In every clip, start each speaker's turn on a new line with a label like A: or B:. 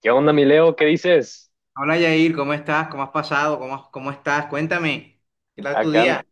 A: ¿Qué onda, mi Leo? ¿Qué dices?
B: Hola Yair, ¿cómo estás? ¿Cómo has pasado? ¿Cómo estás? Cuéntame, ¿qué tal tu
A: Acá,
B: día?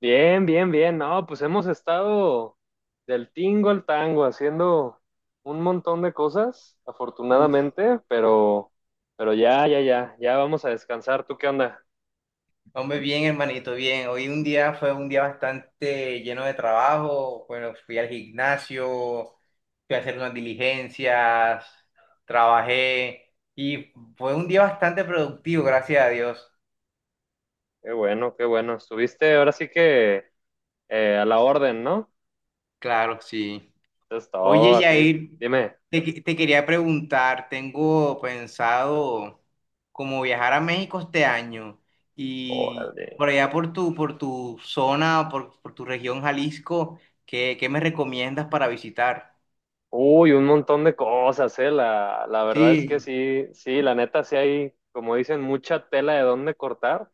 A: bien, bien, bien. No, pues hemos estado del tingo al tango haciendo un montón de cosas,
B: Uf.
A: afortunadamente, pero ya, ya, ya, ya vamos a descansar. ¿Tú qué onda?
B: Hombre, bien, hermanito, bien. Hoy un día fue un día bastante lleno de trabajo. Bueno, fui al gimnasio, fui a hacer unas diligencias, trabajé y fue un día bastante productivo, gracias a Dios.
A: Qué bueno, qué bueno. Estuviste ahora sí que a la orden, ¿no?
B: Claro, sí.
A: Entonces
B: Oye,
A: todo así.
B: Yair,
A: Dime.
B: te quería preguntar, tengo pensado como viajar a México este año y
A: Órale.
B: por allá por tu zona, por tu región Jalisco, ¿qué me recomiendas para visitar?
A: Uy, un montón de cosas, ¿eh? La verdad es que
B: Sí,
A: sí, sí, la neta sí hay, como dicen, mucha tela de dónde cortar.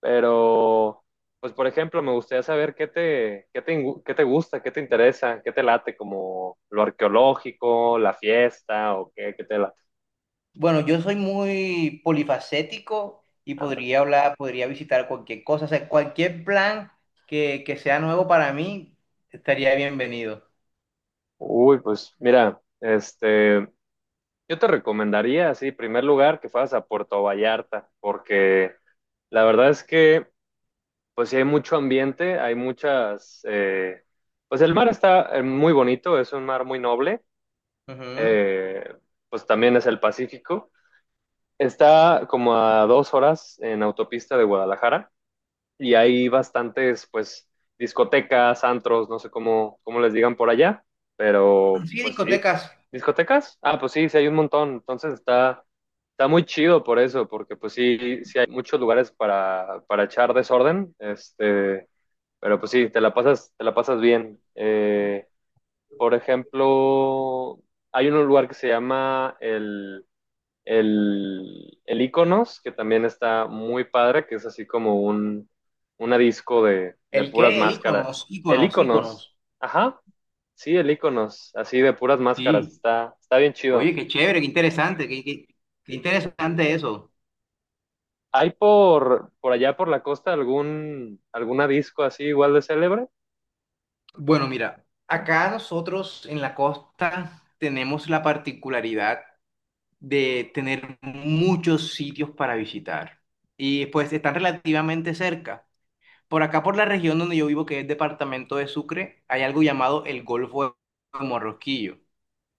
A: Pero, pues por ejemplo, me gustaría saber qué te gusta, qué te interesa, qué te late, como lo arqueológico, la fiesta o qué, qué te late.
B: bueno, yo soy muy polifacético y
A: Anda.
B: podría hablar, podría visitar cualquier cosa, o sea, cualquier plan que sea nuevo para mí estaría bienvenido.
A: Uy, pues mira, yo te recomendaría, sí, en primer lugar, que fueras a Puerto Vallarta, porque la verdad es que, pues sí hay mucho ambiente, hay muchas, pues el mar está muy bonito, es un mar muy noble,
B: Ujú.
A: eh, pues también es el Pacífico. Está como a 2 horas en autopista de Guadalajara y hay bastantes, pues, discotecas, antros, no sé cómo les digan por allá, pero
B: Sí,
A: pues sí.
B: discotecas.
A: ¿Discotecas? Ah, pues sí, sí hay un montón. Entonces está muy chido por eso, porque pues sí, sí hay muchos lugares para echar desorden, pero pues sí, te la pasas bien. Por ejemplo, hay un lugar que se llama el Iconos, que también está muy padre, que es así como un una disco de
B: ¿El
A: puras
B: qué? El
A: máscaras.
B: iconos,
A: El
B: iconos,
A: Iconos,
B: iconos.
A: ajá, sí, el Iconos, así de puras máscaras,
B: Sí.
A: está bien
B: Oye,
A: chido.
B: qué chévere, qué interesante, qué interesante eso.
A: ¿Hay por allá por la costa algún alguna disco así igual de célebre?
B: Bueno, mira, acá nosotros en la costa tenemos la particularidad de tener muchos sitios para visitar y pues están relativamente cerca. Por acá, por la región donde yo vivo, que es departamento de Sucre, hay algo llamado el Golfo de Morrosquillo.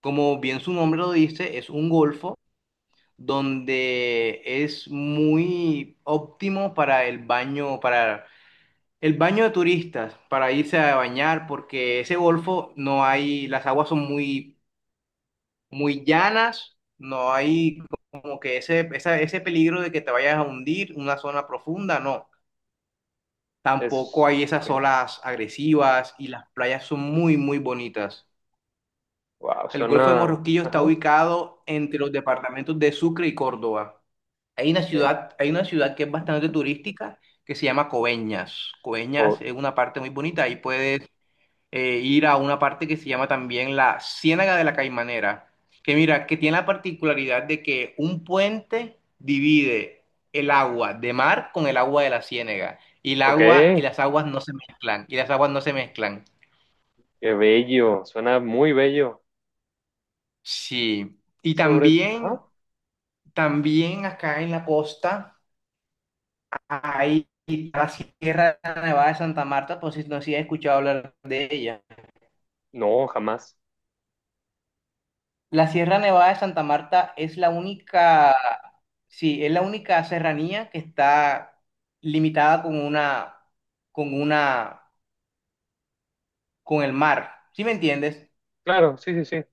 B: Como bien su nombre lo dice, es un golfo donde es muy óptimo para el baño de turistas, para irse a bañar, porque ese golfo no hay, las aguas son muy, muy llanas, no hay como que ese peligro de que te vayas a hundir una zona profunda, no. Tampoco
A: Es,
B: hay
A: ok,
B: esas olas agresivas y las playas son muy, muy bonitas.
A: wow,
B: El Golfo de
A: suena,
B: Morrosquillo está
A: ajá,
B: ubicado entre los departamentos de Sucre y Córdoba. Hay una
A: ok,
B: ciudad, hay una ciudad que es bastante turística que se llama Coveñas. Coveñas
A: co-
B: es una parte muy bonita. Ahí puedes ir a una parte que se llama también la Ciénaga de la Caimanera. Que mira, que tiene la particularidad de que un puente divide el agua de mar con el agua de la ciénaga. Y el
A: ok,
B: agua y las aguas no se mezclan. Y las aguas no se mezclan.
A: qué bello, suena muy bello.
B: Sí. Y
A: Sobre,
B: también,
A: ajá,
B: también acá en la costa. Ahí, la Sierra Nevada de Santa Marta, pues si no si has escuchado hablar de ella.
A: no, jamás.
B: La Sierra Nevada de Santa Marta es la única, sí, es la única serranía que está limitada con una, con el mar, ¿sí me entiendes?
A: Claro, sí, sí, sí,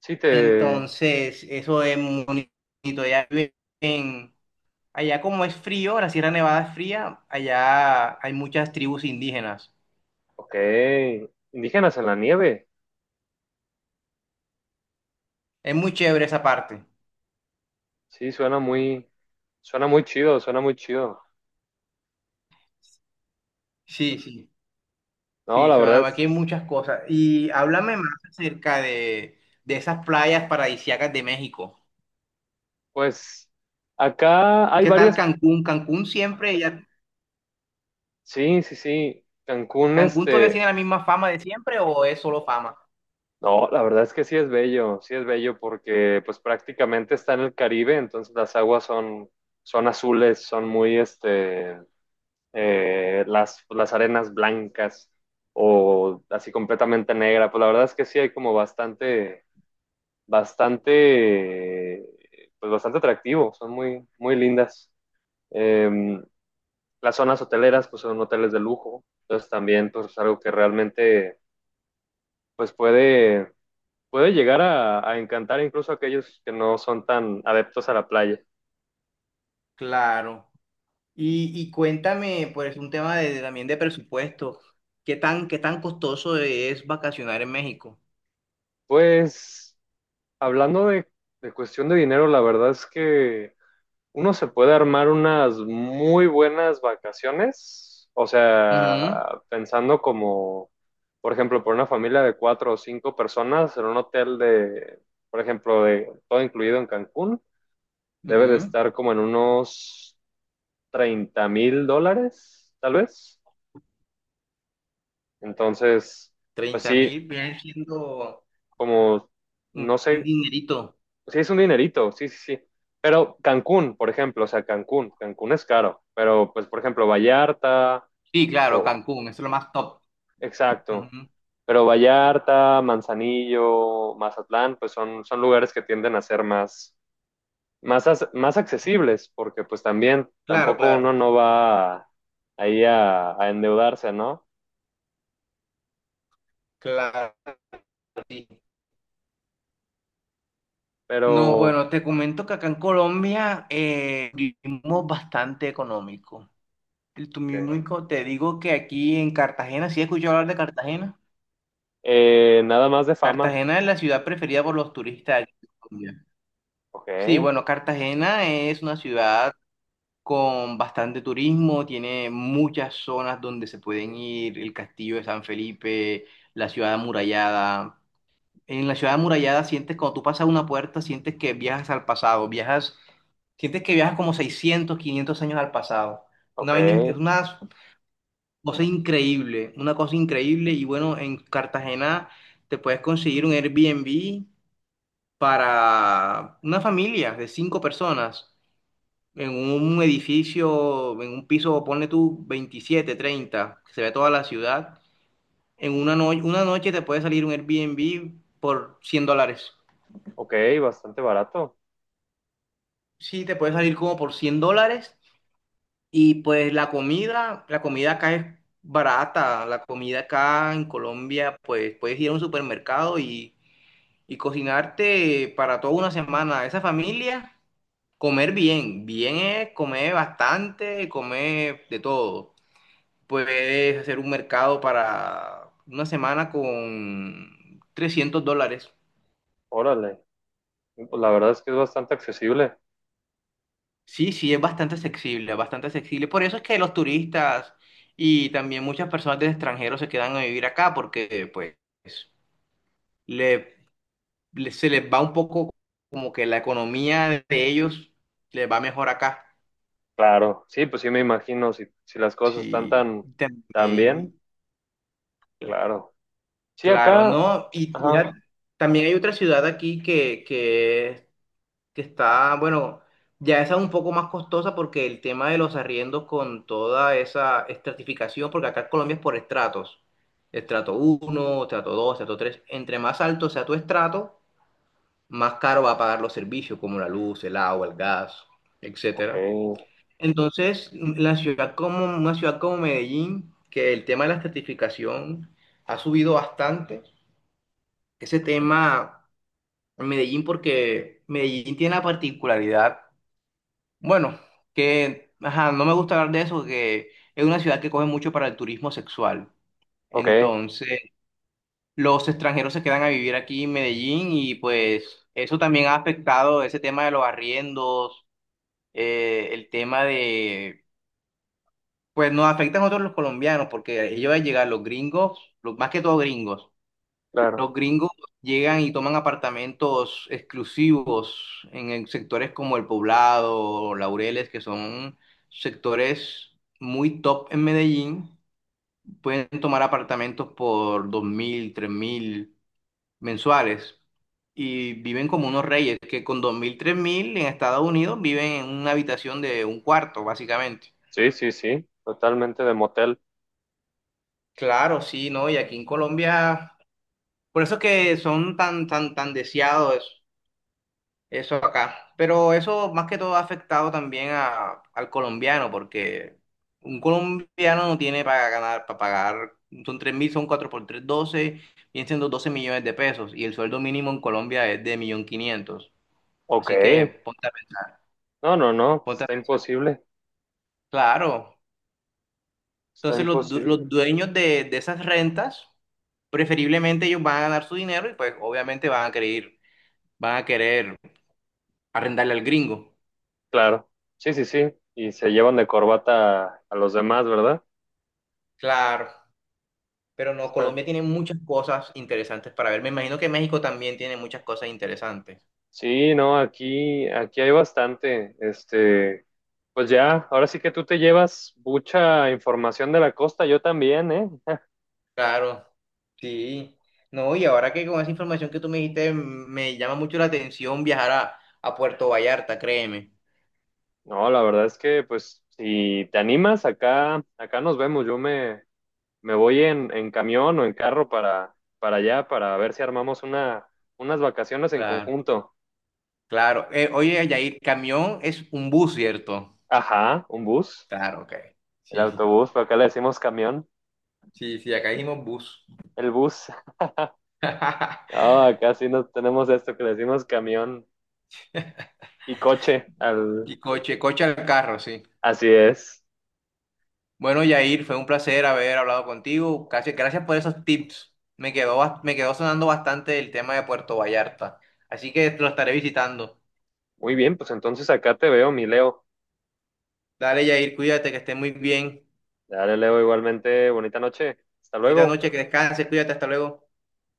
A: sí te,
B: Entonces, eso es muy bonito. Allá como es frío, la Sierra Nevada es fría, allá hay muchas tribus indígenas.
A: ok. Indígenas en la nieve.
B: Es muy chévere esa parte.
A: Sí, suena muy chido, suena muy chido.
B: Sí, sí.
A: No,
B: Sí,
A: la verdad,
B: sonaba, aquí hay muchas cosas. Y háblame más acerca de esas playas paradisíacas de México.
A: pues acá hay
B: ¿Qué tal
A: varias.
B: Cancún?
A: Sí, sí, sí. Cancún,
B: Cancún todavía tiene la misma fama de siempre o es solo fama?
A: no, la verdad es que sí es bello porque pues prácticamente está en el Caribe, entonces las aguas son azules, son muy, las arenas blancas o así completamente negra. Pues la verdad es que sí hay como bastante, pues bastante atractivo, son muy, muy lindas. Eh, las zonas hoteleras, pues son hoteles de lujo, entonces también pues, es algo que realmente pues puede llegar a encantar incluso a aquellos que no son tan adeptos a la playa.
B: Claro. Y cuéntame, pues, un tema de también de presupuesto. ¿Qué tan costoso es vacacionar en México?
A: Pues hablando de cuestión de dinero, la verdad es que uno se puede armar unas muy buenas vacaciones, o
B: Ujú,
A: sea, pensando como, por ejemplo, por una familia de cuatro o cinco personas en un hotel de, por ejemplo, de todo incluido en Cancún, debe de
B: ujú.
A: estar como en unos $30,000, tal vez. Entonces, pues
B: treinta
A: sí,
B: mil viene siendo
A: como,
B: un
A: no
B: un
A: sé,
B: dinerito.
A: sí es un dinerito, sí, sí, sí. Pero Cancún, por ejemplo, o sea, Cancún es caro, pero pues, por ejemplo, Vallarta.
B: Sí, claro, Cancún, eso es lo más top.
A: Exacto.
B: Ujú.
A: Pero Vallarta, Manzanillo, Mazatlán, pues son, son lugares que tienden a ser más accesibles, porque pues también
B: Claro,
A: tampoco uno
B: claro,
A: no va ahí a endeudarse, ¿no?
B: claro. Sí. No,
A: Pero
B: bueno, te comento que acá en Colombia vivimos bastante económico.
A: ok.
B: Te digo que aquí en Cartagena, ¿sí he escuchado hablar de Cartagena?
A: Nada más de fama.
B: Cartagena es la ciudad preferida por los turistas aquí en Colombia.
A: Ok,
B: Sí, bueno, Cartagena es una ciudad con bastante turismo, tiene muchas zonas donde se pueden ir, el Castillo de San Felipe, la ciudad amurallada. En la ciudad amurallada sientes, cuando tú pasas una puerta, sientes que viajas al pasado, viajas, sientes que viajas como 600 500 años al pasado.
A: ok,
B: Es una cosa increíble, una cosa increíble. Y bueno, en Cartagena te puedes conseguir un Airbnb para una familia de cinco personas en un edificio, en un piso, ponle tú 27 30 que se ve toda la ciudad. En una, no- una noche te puede salir un Airbnb por 100 dólares.
A: ok, bastante barato.
B: Sí, te puede salir como por 100 dólares y pues la comida, acá es barata, la comida acá en Colombia, pues puedes ir a un supermercado y cocinarte para toda una semana. Esa familia, comer bien, bien es comer bastante, comer de todo. Puedes hacer un mercado para una semana con 300 dólares.
A: Órale, pues la verdad es que es bastante accesible.
B: Sí, sí, es bastante accesible, bastante accesible. Por eso es que los turistas y también muchas personas del extranjero se quedan a vivir acá porque pues le, se les va un poco como que la economía de ellos les va mejor acá.
A: Claro, sí, pues sí me imagino, si las cosas están
B: Sí,
A: tan, tan bien,
B: también,
A: claro. Sí,
B: claro,
A: acá,
B: ¿no? Y mira,
A: ajá.
B: también hay otra ciudad aquí que está, bueno, ya esa es un poco más costosa porque el tema de los arriendos con toda esa estratificación, porque acá en Colombia es por estratos, estrato uno estrato 2 estrato 3 entre más alto sea tu estrato, más caro va a pagar los servicios como la luz, el agua, el gas,
A: Ok,
B: etcétera. Entonces, la ciudad como una ciudad como Medellín, que el tema de la estratificación ha subido bastante, ese tema en Medellín porque Medellín tiene la particularidad. Bueno, que ajá, no me gusta hablar de eso, que es una ciudad que coge mucho para el turismo sexual.
A: ok,
B: Entonces, los extranjeros se quedan a vivir aquí en Medellín y pues eso también ha afectado ese tema de los arriendos, eh, el tema de, pues nos afecta a nosotros los colombianos, porque ellos al llegar, los gringos, más que todo gringos. Los
A: claro.
B: gringos llegan y toman apartamentos exclusivos en sectores como El Poblado, Laureles, que son sectores muy top en Medellín. Pueden tomar apartamentos por dos mil, tres mil mensuales y viven como unos reyes, que con dos mil, tres mil en Estados Unidos viven en una habitación de un cuarto, básicamente.
A: Sí, sí, sí, totalmente de motel.
B: Claro, sí, ¿no? Y aquí en Colombia, por eso es que son tan, tan, tan deseados. Eso acá. Pero eso más que todo ha afectado también al colombiano, porque un colombiano no tiene para ganar, para pagar, son 3 mil, son 4 por 3 12 vienen siendo 12 millones de pesos, y el sueldo mínimo en Colombia es de 1.500.000.
A: Ok,
B: Así que
A: no, no, no,
B: ponte a
A: está
B: pens-
A: imposible,
B: Claro.
A: está
B: Entonces
A: imposible.
B: los dueños de esas rentas, preferiblemente ellos van a ganar su dinero y pues obviamente van a querer arrendarle al gringo.
A: Claro, sí, sí, sí. Y se llevan de corbata a los demás, ¿verdad?
B: Claro. Pero no,
A: Está.
B: Colombia tiene muchas cosas interesantes para ver. Me imagino que México también tiene muchas cosas interesantes.
A: Sí, no, aquí hay bastante. Pues ya, ahora sí que tú te llevas mucha información de la costa, yo también, ¿eh?
B: Claro, sí. No, y ahora que con esa información que tú me dijiste, me llama mucho la atención viajar a Puerto Vallarta, créeme.
A: No, la verdad es que, pues, si te animas, acá nos vemos. Yo me voy en camión o en carro para allá para ver si armamos unas vacaciones en
B: Claro,
A: conjunto.
B: claro. Oye, Yair, camión es un bus, ¿cierto?
A: Ajá, un bus,
B: Claro, ok.
A: el
B: Sí,
A: autobús, pero acá le decimos camión,
B: sí, sí, acá dijimos bus.
A: el bus. Ah, acá sí no tenemos esto que le decimos camión y coche. Al...
B: Y coche, coche al carro, sí.
A: Así es.
B: Bueno, Yair, fue un placer haber hablado contigo. Gracias por esos tips. Me quedó sonando bastante el tema de Puerto Vallarta. Así que lo estaré visitando.
A: Muy bien, pues entonces acá te veo, mi Leo.
B: Dale, Yair, cuídate, que estés muy bien.
A: Dale, Leo, igualmente, bonita noche. Hasta
B: Bonita
A: luego.
B: noche, que descanses, cuídate, hasta luego.